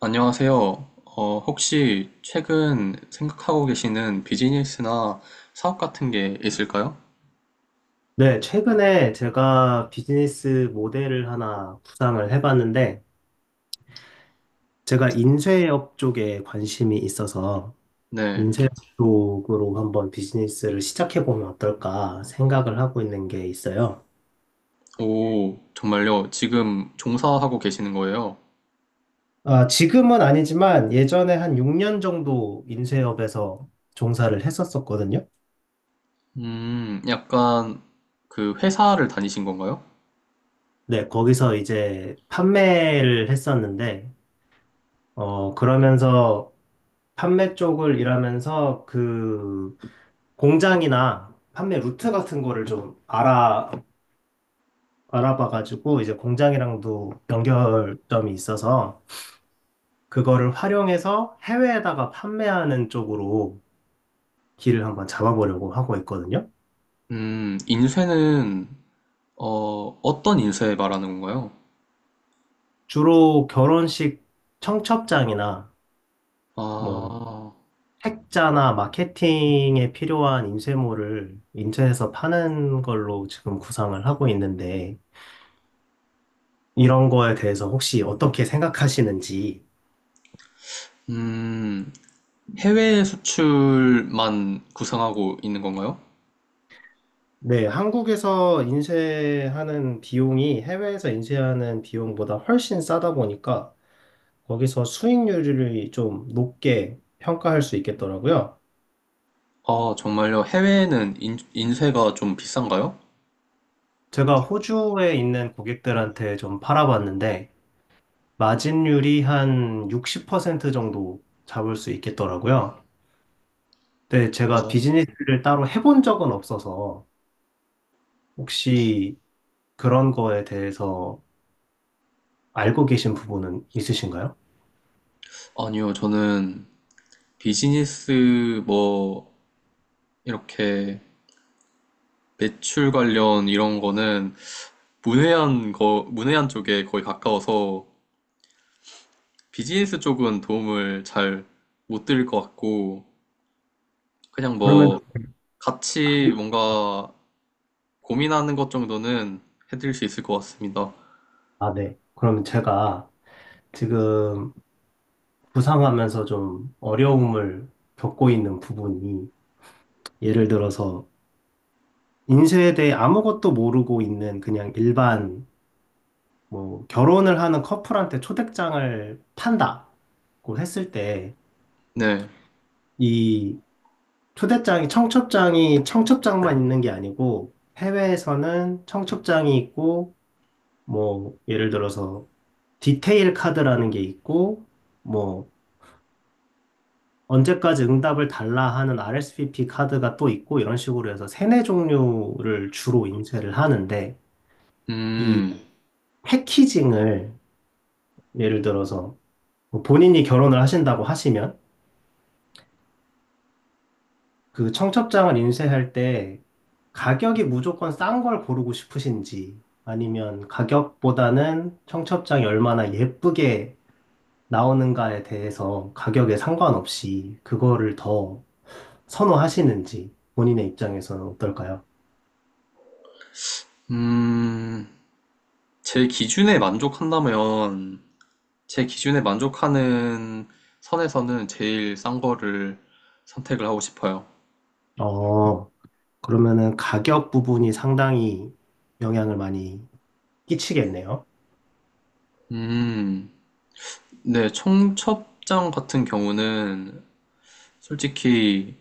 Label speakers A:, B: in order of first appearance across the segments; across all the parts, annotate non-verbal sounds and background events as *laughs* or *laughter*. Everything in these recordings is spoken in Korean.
A: 안녕하세요. 혹시 최근 생각하고 계시는 비즈니스나 사업 같은 게 있을까요?
B: 네, 최근에 제가 비즈니스 모델을 하나 구상을 해봤는데, 제가 인쇄업 쪽에 관심이 있어서,
A: 네.
B: 인쇄업 쪽으로 한번 비즈니스를 시작해보면 어떨까 생각을 하고 있는 게 있어요.
A: 오, 정말요? 지금 종사하고 계시는 거예요?
B: 아, 지금은 아니지만, 예전에 한 6년 정도 인쇄업에서 종사를 했었었거든요.
A: 약간 그 회사를 다니신 건가요?
B: 네, 거기서 이제 판매를 했었는데, 그러면서 판매 쪽을 일하면서 공장이나 판매 루트 같은 거를 좀 알아봐가지고 이제 공장이랑도 연결점이 있어서 그거를 활용해서 해외에다가 판매하는 쪽으로 길을 한번 잡아보려고 하고 있거든요.
A: 인쇄는 어, 어떤 인쇄 말하는 건가요?
B: 주로 결혼식 청첩장이나 뭐
A: 아,
B: 책자나 마케팅에 필요한 인쇄물을 인쇄해서 파는 걸로 지금 구상을 하고 있는데 이런 거에 대해서 혹시 어떻게 생각하시는지.
A: 음, 해외 수출만 구상하고 있는 건가요?
B: 네, 한국에서 인쇄하는 비용이 해외에서 인쇄하는 비용보다 훨씬 싸다 보니까 거기서 수익률이 좀 높게 평가할 수 있겠더라고요.
A: 아, 정말요? 해외에는 인쇄가 좀 비싼가요?
B: 제가 호주에 있는 고객들한테 좀 팔아봤는데 마진율이 한 60% 정도 잡을 수 있겠더라고요. 근데 제가
A: 어,
B: 비즈니스를 따로 해본 적은 없어서 혹시 그런 거에 대해서 알고 계신 부분은 있으신가요?
A: 아니요, 저는 비즈니스 뭐 이렇게 매출 관련 이런 거는 문외한 쪽에 거의 가까워서 비즈니스 쪽은 도움을 잘 못 드릴 것 같고 그냥
B: 그러면.
A: 뭐 같이 뭔가 고민하는 것 정도는 해드릴 수 있을 것 같습니다.
B: 아, 네. 그러면 제가 지금 구상하면서 좀 어려움을 겪고 있는 부분이, 예를 들어서 인쇄에 대해 아무것도 모르고 있는 그냥 일반 뭐 결혼을 하는 커플한테 초대장을 판다고 했을 때,
A: 네,
B: 이 초대장이 청첩장이 청첩장만 있는 게 아니고 해외에서는 청첩장이 있고 뭐 예를 들어서 디테일 카드라는 게 있고 뭐 언제까지 응답을 달라 하는 RSVP 카드가 또 있고 이런 식으로 해서 세네 종류를 주로 인쇄를 하는데, 이
A: 음,
B: 패키징을 예를 들어서 뭐 본인이 결혼을 하신다고 하시면 그 청첩장을 인쇄할 때 가격이 무조건 싼 걸 고르고 싶으신지 아니면 가격보다는 청첩장이 얼마나 예쁘게 나오는가에 대해서 가격에 상관없이 그거를 더 선호하시는지 본인의 입장에서는 어떨까요?
A: 음, 제 기준에 만족한다면 제 기준에 만족하는 선에서는 제일 싼 거를 선택을 하고 싶어요.
B: 어, 그러면은 가격 부분이 상당히 영향을 많이 끼치겠네요.
A: 음, 네, 청첩장 같은 경우는 솔직히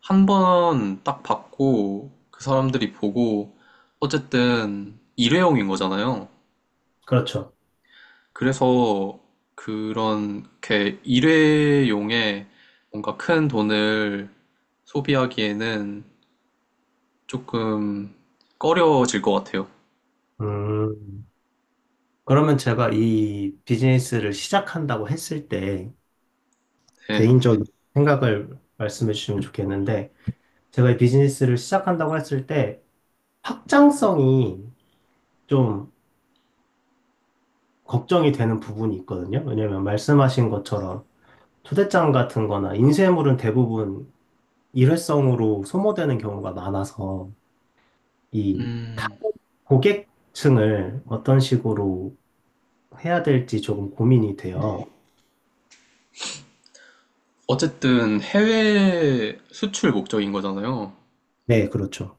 A: 한 번 딱 받고 그 사람들이 보고 어쨌든 일회용인 거잖아요.
B: 그렇죠.
A: 그래서 그런 게 일회용에 뭔가 큰 돈을 소비하기에는 조금 꺼려질 것 같아요.
B: 음, 그러면 제가 이 비즈니스를 시작한다고 했을 때
A: 네.
B: 개인적인 생각을 말씀해 주시면 좋겠는데, 제가 이 비즈니스를 시작한다고 했을 때 확장성이 좀 걱정이 되는 부분이 있거든요. 왜냐면 말씀하신 것처럼 초대장 같은 거나 인쇄물은 대부분 일회성으로 소모되는 경우가 많아서 이
A: 음.
B: 고객층을 어떤 식으로 해야 될지 조금 고민이 돼요.
A: 어쨌든 해외 수출 목적인 거잖아요.
B: 네, 그렇죠.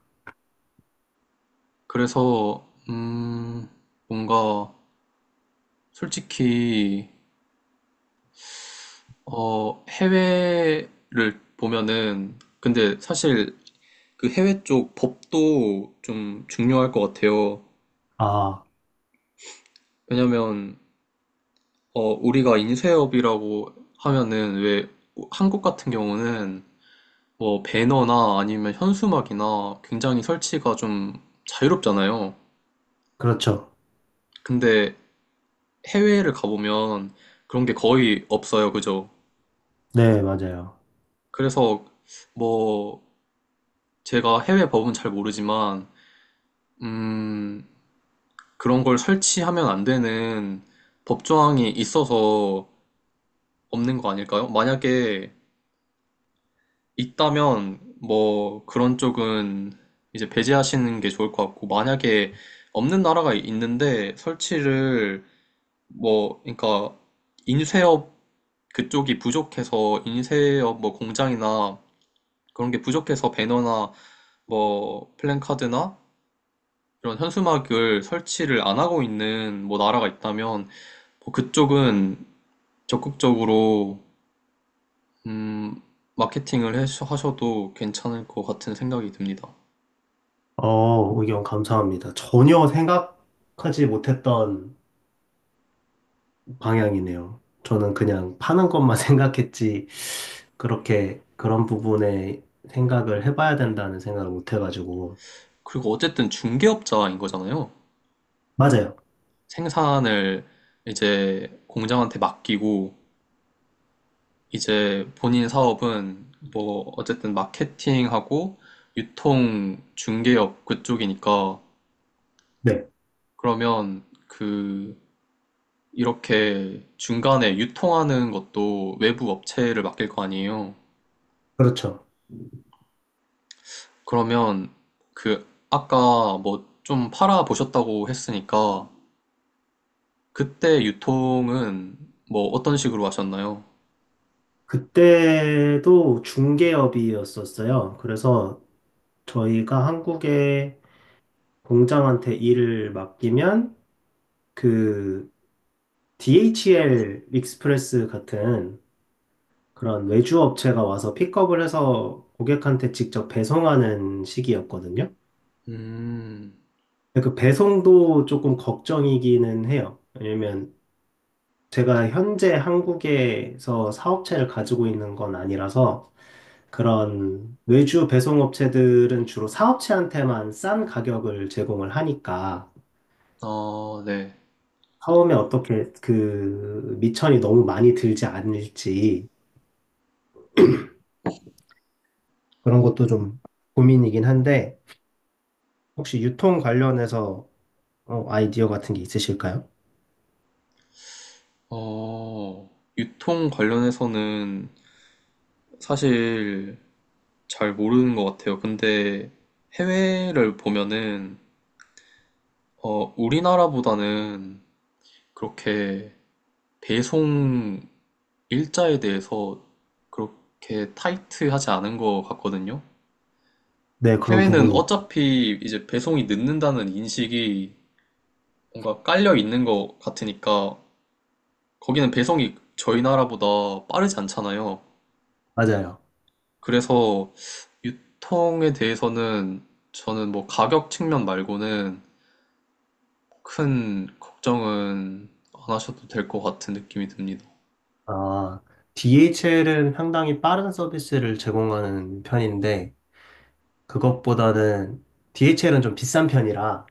A: 그래서 뭔가 솔직히 해외를 보면은 근데 사실 그 해외 쪽 법도 좀 중요할 것 같아요.
B: 아,
A: 왜냐면 우리가 인쇄업이라고 하면은 왜 한국 같은 경우는 뭐 배너나 아니면 현수막이나 굉장히 설치가 좀 자유롭잖아요.
B: 그렇죠.
A: 근데 해외를 가보면 그런 게 거의 없어요. 그죠?
B: 네, 맞아요.
A: 그래서 뭐 제가 해외 법은 잘 모르지만 음, 그런 걸 설치하면 안 되는 법조항이 있어서 없는 거 아닐까요? 만약에 있다면 뭐 그런 쪽은 이제 배제하시는 게 좋을 것 같고, 만약에 없는 나라가 있는데 설치를 뭐 그러니까 인쇄업 그쪽이 부족해서 인쇄업 뭐 공장이나 그런 게 부족해서 배너나 뭐 플랜카드나 이런 현수막을 설치를 안 하고 있는 뭐 나라가 있다면 뭐 그쪽은 적극적으로 음, 마케팅을 해서- 하셔도 괜찮을 것 같은 생각이 듭니다.
B: 의견 감사합니다. 전혀 생각하지 못했던 방향이네요. 저는 그냥 파는 것만 *laughs* 생각했지, 그렇게 그런 부분에 생각을 해봐야 된다는 생각을 못 해가지고.
A: 그리고 어쨌든 중개업자인 거잖아요.
B: 맞아요.
A: 생산을 이제 공장한테 맡기고 이제 본인 사업은 뭐 어쨌든 마케팅하고 유통 중개업 그쪽이니까
B: 네,
A: 그러면 그 이렇게 중간에 유통하는 것도 외부 업체를 맡길 거 아니에요.
B: 그렇죠.
A: 그러면 그 아까 뭐 좀 팔아 보셨다고 했으니까 그때 유통은 뭐 어떤 식으로 하셨나요?
B: 그때도 중개업이었었어요. 그래서 저희가 한국에 공장한테 일을 맡기면 그 DHL 익스프레스 같은 그런 외주 업체가 와서 픽업을 해서 고객한테 직접 배송하는 시기였거든요.
A: 음,
B: 근데 그 배송도 조금 걱정이기는 해요. 왜냐면 제가 현재 한국에서 사업체를 가지고 있는 건 아니라서 그런 외주 배송업체들은 주로 사업체한테만 싼 가격을 제공을 하니까
A: 아, 네.
B: 처음에 어떻게 그 미천이 너무 많이 들지 않을지 그런 것도 좀 고민이긴 한데 혹시 유통 관련해서 아이디어 같은 게 있으실까요?
A: 어, 유통 관련해서는 사실 잘 모르는 것 같아요. 근데 해외를 보면은 우리나라보다는 그렇게 배송 일자에 대해서 그렇게 타이트하지 않은 것 같거든요.
B: 네, 그런
A: 해외는
B: 부분이
A: 어차피 이제 배송이 늦는다는 인식이 뭔가 깔려 있는 것 같으니까 거기는 배송이 저희 나라보다 빠르지 않잖아요.
B: 맞아요.
A: 그래서 유통에 대해서는 저는 뭐 가격 측면 말고는 큰 걱정은 안 하셔도 될 것 같은 느낌이 듭니다.
B: 아, DHL은 상당히 빠른 서비스를 제공하는 편인데 그것보다는 DHL은 좀 비싼 편이라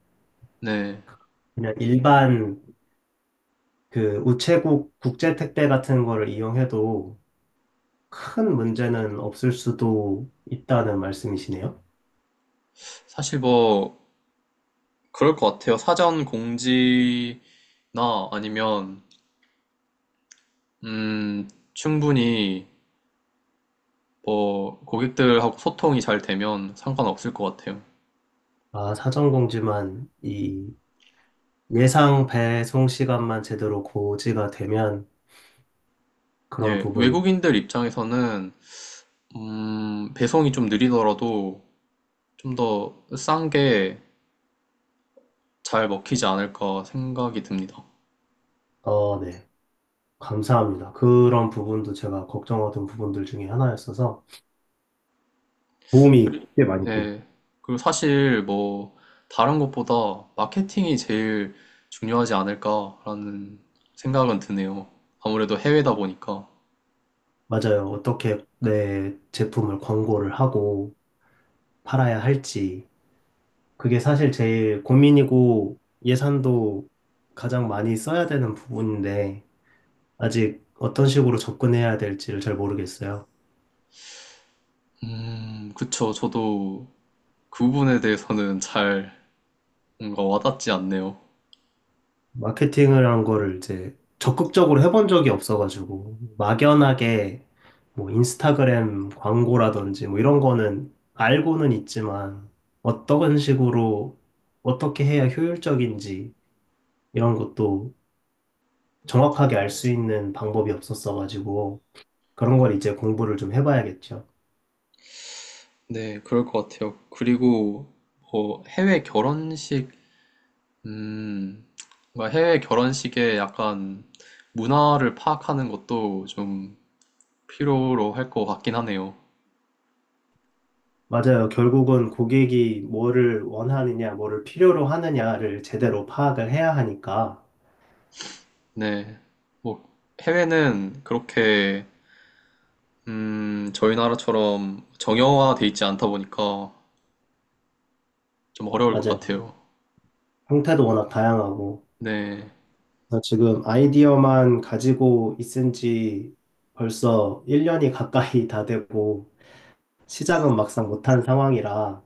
A: 네.
B: 그냥 일반 그 우체국 국제 택배 같은 거를 이용해도 큰 문제는 없을 수도 있다는 말씀이시네요.
A: 사실 뭐 그럴 것 같아요. 사전 공지나 아니면 음, 충분히 뭐 고객들하고 소통이 잘 되면 상관없을 것 같아요.
B: 아, 사전 공지만, 이 예상 배송 시간만 제대로 고지가 되면 그런
A: 예,
B: 부분은.
A: 외국인들 입장에서는 배송이 좀 느리더라도 좀 더 싼 게 잘 먹히지 않을까 생각이 듭니다.
B: 네. 감사합니다. 그런 부분도 제가 걱정하던 부분들 중에 하나였어서 도움이
A: 그리고,
B: 꽤 많이 됩니다.
A: 예, 그리고 사실 뭐 다른 것보다 마케팅이 제일 중요하지 않을까라는 생각은 드네요. 아무래도 해외다 보니까.
B: 맞아요. 어떻게 내 제품을 광고를 하고 팔아야 할지. 그게 사실 제일 고민이고 예산도 가장 많이 써야 되는 부분인데 아직 어떤 식으로 접근해야 될지를 잘 모르겠어요.
A: 그쵸. 저도 그 부분에 대해서는 잘 뭔가 와닿지 않네요.
B: 마케팅을 한 거를 이제 적극적으로 해본 적이 없어가지고, 막연하게 뭐 인스타그램 광고라든지 뭐 이런 거는 알고는 있지만, 어떤 식으로 어떻게 해야 효율적인지 이런 것도 정확하게 알 수 있는 방법이 없었어가지고, 그런 걸 이제 공부를 좀 해봐야겠죠.
A: 네, 그럴 것 같아요. 그리고 해외 결혼식, 음, 뭔가 해외 결혼식의 약간 문화를 파악하는 것도 좀 필요로 할 것 같긴 하네요.
B: 맞아요. 결국은 고객이 뭐를 원하느냐, 뭐를 필요로 하느냐를 제대로 파악을 해야 하니까.
A: 네, 뭐 해외는 그렇게 저희 나라처럼 정형화돼 있지 않다 보니까 좀 어려울 것
B: 맞아요.
A: 같아요.
B: 형태도 워낙 다양하고,
A: 네,
B: 그래서 지금 아이디어만 가지고 있은 지 벌써 1년이 가까이 다 되고 시작은 막상 못한 상황이라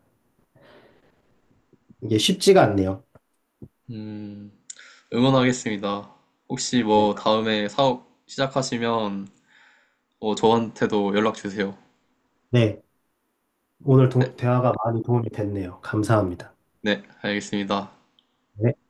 B: 이게 쉽지가 않네요.
A: 음, 응원하겠습니다. 혹시
B: 네.
A: 뭐 다음에 사업 시작하시면 저한테도 연락 주세요.
B: 네. 오늘 대화가 많이 도움이 됐네요. 감사합니다.
A: 네, 알겠습니다.
B: 네.